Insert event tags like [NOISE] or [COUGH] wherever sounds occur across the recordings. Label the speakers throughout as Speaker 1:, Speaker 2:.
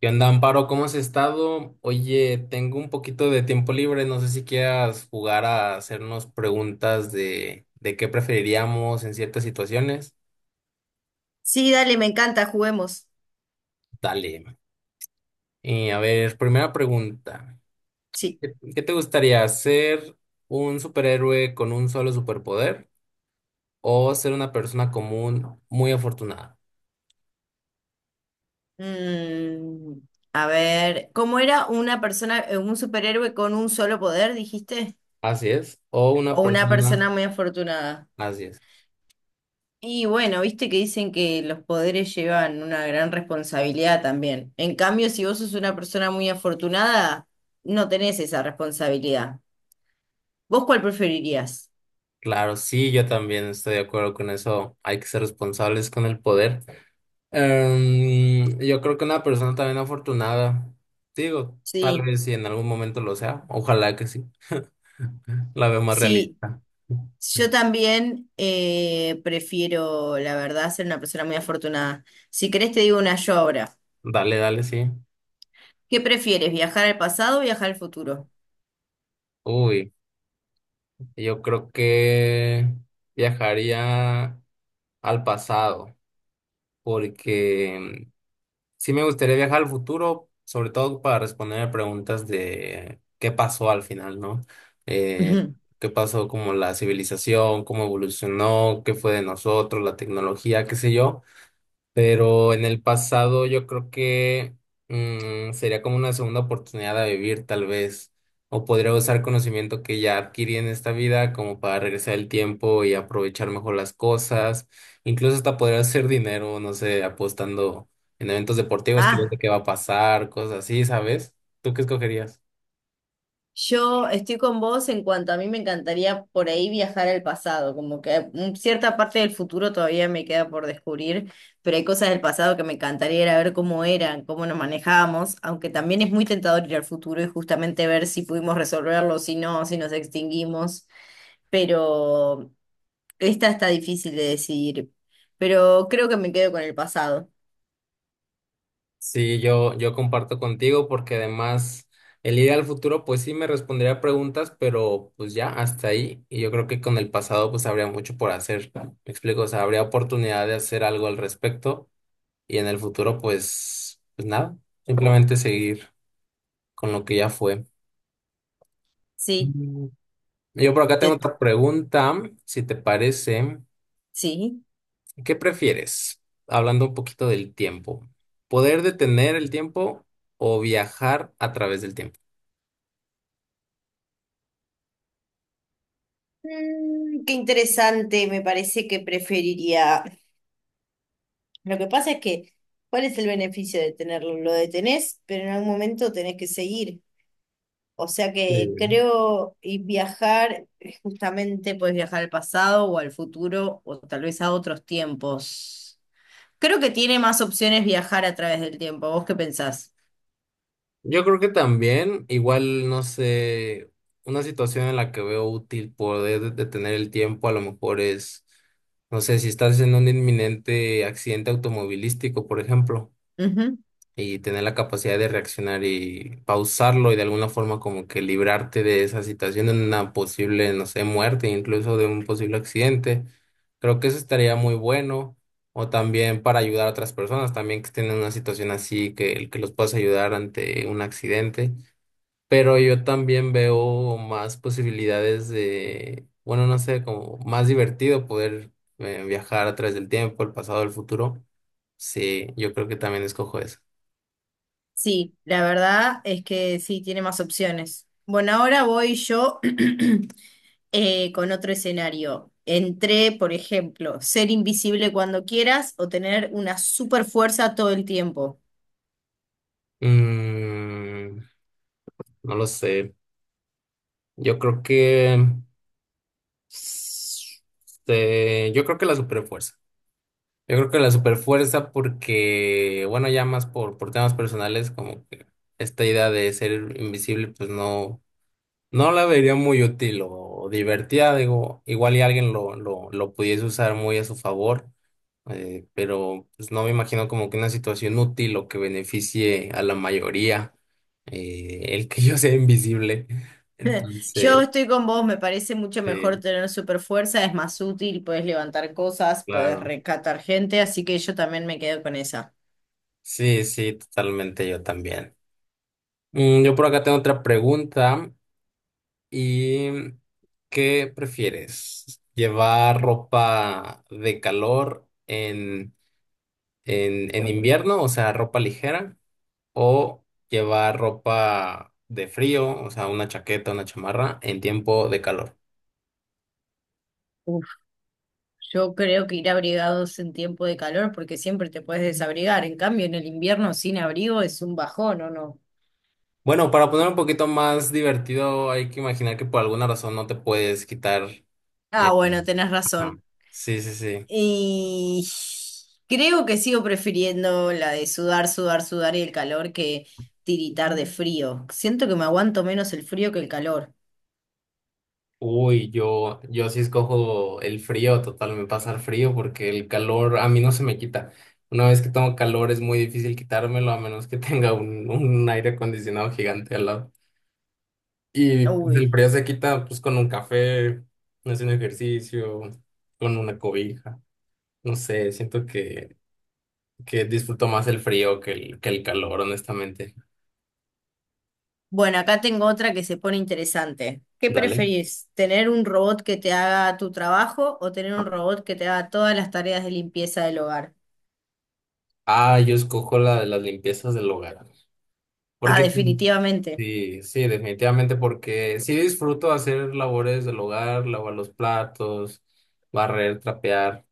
Speaker 1: ¿Qué onda, Amparo? ¿Cómo has estado? Oye, tengo un poquito de tiempo libre, no sé si quieras jugar a hacernos preguntas de qué preferiríamos en ciertas situaciones.
Speaker 2: Sí, dale, me encanta, juguemos.
Speaker 1: Dale. Y a ver, primera pregunta.
Speaker 2: Sí.
Speaker 1: ¿Qué te gustaría, ser un superhéroe con un solo superpoder o ser una persona común muy afortunada?
Speaker 2: Mm, a ver, ¿cómo era una persona, un superhéroe con un solo poder, dijiste?
Speaker 1: Así es. O una
Speaker 2: ¿O una
Speaker 1: persona...
Speaker 2: persona muy afortunada?
Speaker 1: Así es.
Speaker 2: Y bueno, viste que dicen que los poderes llevan una gran responsabilidad también. En cambio, si vos sos una persona muy afortunada, no tenés esa responsabilidad. ¿Vos cuál preferirías?
Speaker 1: Claro, sí, yo también estoy de acuerdo con eso. Hay que ser responsables con el poder. Yo creo que una persona también afortunada, digo, tal
Speaker 2: Sí,
Speaker 1: vez si en algún momento lo sea, ojalá que sí, la veo más
Speaker 2: sí.
Speaker 1: realista.
Speaker 2: Yo también prefiero, la verdad, ser una persona muy afortunada. Si querés, te digo una yo ahora.
Speaker 1: Dale, dale, sí.
Speaker 2: ¿Qué prefieres, viajar al pasado o viajar al futuro?
Speaker 1: Uy, yo creo que viajaría al pasado, porque sí me gustaría viajar al futuro, sobre todo para responder preguntas de qué pasó al final, ¿no? Eh,
Speaker 2: Ujú. [LAUGHS]
Speaker 1: Qué pasó como la civilización, cómo evolucionó, qué fue de nosotros, la tecnología, qué sé yo. Pero en el pasado yo creo que sería como una segunda oportunidad a vivir, tal vez. O podría usar conocimiento que ya adquirí en esta vida como para regresar el tiempo y aprovechar mejor las cosas. Incluso hasta podría hacer dinero, no sé, apostando en eventos deportivos que yo sé
Speaker 2: Ah,
Speaker 1: qué va a pasar, cosas así, ¿sabes? ¿Tú qué escogerías?
Speaker 2: yo estoy con vos en cuanto a mí me encantaría por ahí viajar al pasado, como que cierta parte del futuro todavía me queda por descubrir, pero hay cosas del pasado que me encantaría ir a ver cómo eran, cómo nos manejábamos, aunque también es muy tentador ir al futuro y justamente ver si pudimos resolverlo, si no, si nos extinguimos. Pero esta está difícil de decidir, pero creo que me quedo con el pasado.
Speaker 1: Sí, yo comparto contigo porque además el ir al futuro pues sí me respondería preguntas, pero pues ya hasta ahí. Y yo creo que con el pasado pues habría mucho por hacer, ¿no? Me explico, o sea, habría oportunidad de hacer algo al respecto y en el futuro pues, pues nada, simplemente seguir con lo que ya fue.
Speaker 2: Sí,
Speaker 1: Mm. Yo por acá tengo
Speaker 2: te-
Speaker 1: otra pregunta, si te parece,
Speaker 2: sí.
Speaker 1: ¿qué prefieres? Hablando un poquito del tiempo, ¿poder detener el tiempo o viajar a través del tiempo?
Speaker 2: Qué interesante, me parece que preferiría. Lo que pasa es que ¿cuál es el beneficio de tenerlo? Lo detenés, pero en algún momento tenés que seguir. O sea
Speaker 1: Sí.
Speaker 2: que creo y viajar, justamente puedes viajar al pasado o al futuro o tal vez a otros tiempos. Creo que tiene más opciones viajar a través del tiempo. ¿Vos qué pensás?
Speaker 1: Yo creo que también, igual, no sé, una situación en la que veo útil poder detener el tiempo a lo mejor es, no sé, si estás en un inminente accidente automovilístico, por ejemplo, y tener la capacidad de reaccionar y pausarlo y de alguna forma como que librarte de esa situación, de una posible, no sé, muerte, incluso de un posible accidente. Creo que eso estaría muy bueno. O también para ayudar a otras personas, también que estén en una situación así, que los puedas ayudar ante un accidente. Pero yo también veo más posibilidades de, bueno, no sé, como más divertido poder viajar a través del tiempo, el pasado, el futuro. Sí, yo creo que también escojo eso.
Speaker 2: Sí, la verdad es que sí, tiene más opciones. Bueno, ahora voy yo [CLEARS THROAT] con otro escenario. Entre, por ejemplo, ser invisible cuando quieras o tener una super fuerza todo el tiempo.
Speaker 1: Mm, no lo sé. Yo creo que. s- yo creo que la superfuerza. Yo creo que la superfuerza porque, bueno, ya más por temas personales, como que esta idea de ser invisible, pues no. No la vería muy útil o divertida, digo, igual y alguien lo pudiese usar muy a su favor, pero pues no me imagino como que una situación útil o que beneficie a la mayoría, el que yo sea invisible.
Speaker 2: Yo
Speaker 1: Entonces,
Speaker 2: estoy con vos, me parece mucho
Speaker 1: eh,
Speaker 2: mejor tener super fuerza, es más útil, puedes levantar cosas, puedes
Speaker 1: claro,
Speaker 2: rescatar gente, así que yo también me quedo con esa.
Speaker 1: sí, sí, totalmente yo también. Mm, yo por acá tengo otra pregunta y ¿qué prefieres? ¿Llevar ropa de calor en invierno, o sea, ropa ligera, o llevar ropa de frío, o sea, una chaqueta, una chamarra, en tiempo de calor?
Speaker 2: Yo creo que ir abrigados en tiempo de calor porque siempre te puedes desabrigar. En cambio, en el invierno sin abrigo es un bajón, ¿o no?
Speaker 1: Bueno, para poner un poquito más divertido, hay que imaginar que por alguna razón no te puedes quitar
Speaker 2: Ah,
Speaker 1: el...
Speaker 2: bueno, tenés
Speaker 1: Ajá.
Speaker 2: razón.
Speaker 1: Sí, sí, sí.
Speaker 2: Y creo que sigo prefiriendo la de sudar, sudar, sudar y el calor que tiritar de frío. Siento que me aguanto menos el frío que el calor.
Speaker 1: Uy, yo sí escojo el frío, total, me pasa el frío porque el calor a mí no se me quita. Una vez que tengo calor es muy difícil quitármelo a menos que [LAUGHS] tenga un aire acondicionado gigante al lado. Y el
Speaker 2: Uy.
Speaker 1: frío se quita pues con un café, haciendo ejercicio, con una cobija. No sé, siento que disfruto más el frío que el calor, honestamente.
Speaker 2: Bueno, acá tengo otra que se pone interesante. ¿Qué
Speaker 1: Dale.
Speaker 2: preferís? ¿Tener un robot que te haga tu trabajo o tener un robot que te haga todas las tareas de limpieza del hogar?
Speaker 1: Ah, yo escojo la de las limpiezas del hogar.
Speaker 2: Ah,
Speaker 1: Porque sí,
Speaker 2: definitivamente.
Speaker 1: sí, sí, definitivamente, porque sí disfruto hacer labores del hogar, lavar los platos, barrer, trapear.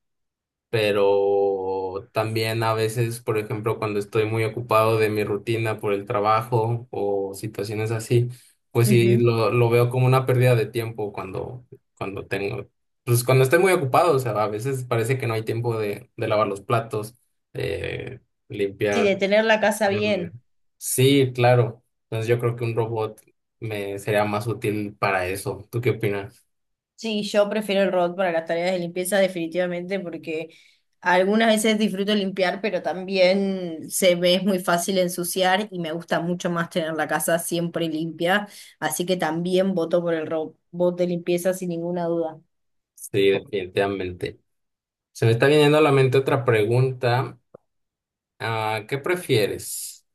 Speaker 1: Pero también a veces, por ejemplo, cuando estoy muy ocupado de mi rutina por el trabajo o situaciones así, pues sí,
Speaker 2: Ujú.
Speaker 1: lo veo como una pérdida de tiempo cuando, cuando tengo, pues cuando estoy muy ocupado, o sea, a veces parece que no hay tiempo de lavar los platos, eh,
Speaker 2: Sí, de
Speaker 1: limpiar.
Speaker 2: tener la casa bien.
Speaker 1: Sí, claro. Entonces yo creo que un robot me sería más útil para eso. ¿Tú qué opinas?
Speaker 2: Sí, yo prefiero el robot para las tareas de limpieza definitivamente porque algunas veces disfruto limpiar, pero también se me es muy fácil ensuciar y me gusta mucho más tener la casa siempre limpia. Así que también voto por el robot de limpieza sin ninguna duda.
Speaker 1: Sí, definitivamente. Se me está viniendo a la mente otra pregunta. Ah, ¿qué prefieres?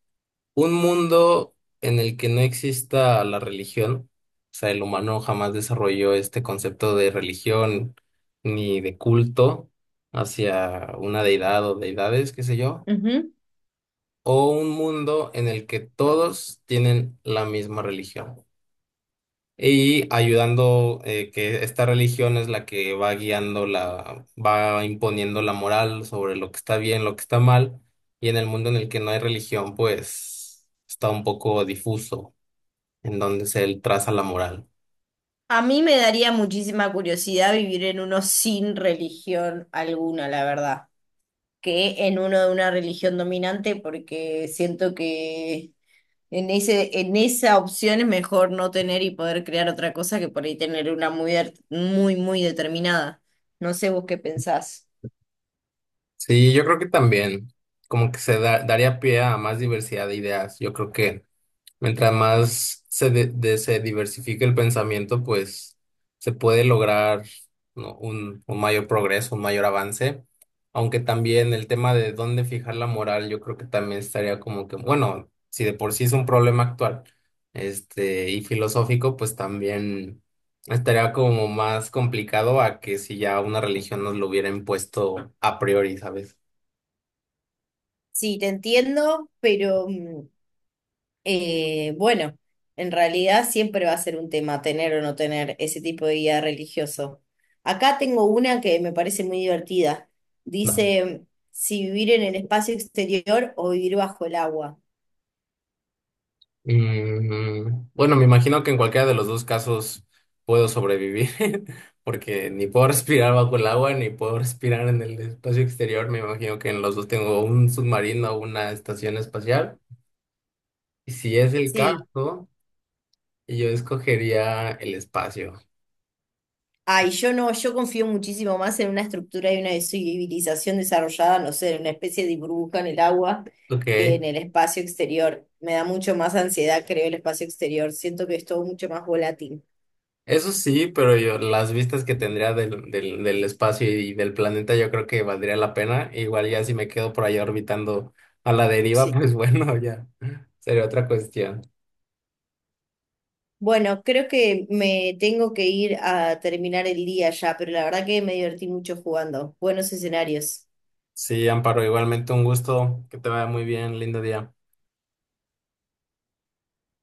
Speaker 1: ¿Un mundo en el que no exista la religión? O sea, el humano jamás desarrolló este concepto de religión ni de culto hacia una deidad o deidades, qué sé yo.
Speaker 2: Ujú.
Speaker 1: ¿O un mundo en el que todos tienen la misma religión? Y ayudando que esta religión es la que va guiando la, va imponiendo la moral sobre lo que está bien, lo que está mal, y en el mundo en el que no hay religión, pues está un poco difuso en donde se traza la moral.
Speaker 2: A mí me daría muchísima curiosidad vivir en uno sin religión alguna, la verdad, que en uno de una religión dominante porque siento que en ese, en esa opción es mejor no tener y poder crear otra cosa que por ahí tener una muy, muy, muy determinada. No sé vos qué pensás.
Speaker 1: Sí, yo creo que también como que daría pie a más diversidad de ideas. Yo creo que mientras más se diversifique el pensamiento, pues se puede lograr, ¿no?, un mayor progreso, un mayor avance. Aunque también el tema de dónde fijar la moral, yo creo que también estaría como que, bueno, si de por sí es un problema actual, este, y filosófico, pues también estaría como más complicado a que si ya una religión nos lo hubiera impuesto a priori, ¿sabes?
Speaker 2: Sí, te entiendo, pero bueno, en realidad siempre va a ser un tema tener o no tener ese tipo de guía religioso. Acá tengo una que me parece muy divertida. Dice, si vivir en el espacio exterior o vivir bajo el agua.
Speaker 1: Mm, bueno, me imagino que en cualquiera de los dos casos puedo sobrevivir, [LAUGHS] porque ni puedo respirar bajo el agua, ni puedo respirar en el espacio exterior. Me imagino que en los dos tengo un submarino o una estación espacial. Y si es el
Speaker 2: Sí.
Speaker 1: caso, yo escogería el espacio. Sí,
Speaker 2: Ay, yo no, yo confío muchísimo más en una estructura y una civilización desarrollada, no sé, en una especie de burbuja en el agua que
Speaker 1: ok.
Speaker 2: en el espacio exterior. Me da mucho más ansiedad, creo, el espacio exterior. Siento que es todo mucho más volátil.
Speaker 1: Eso sí, pero yo, las vistas que tendría del espacio y del planeta, yo creo que valdría la pena. Igual ya si me quedo por allá orbitando a la deriva,
Speaker 2: Sí.
Speaker 1: pues [LAUGHS] bueno, ya sería otra cuestión.
Speaker 2: Bueno, creo que me tengo que ir a terminar el día ya, pero la verdad que me divertí mucho jugando. Buenos escenarios.
Speaker 1: Sí, Amparo, igualmente un gusto, que te vaya muy bien, lindo día.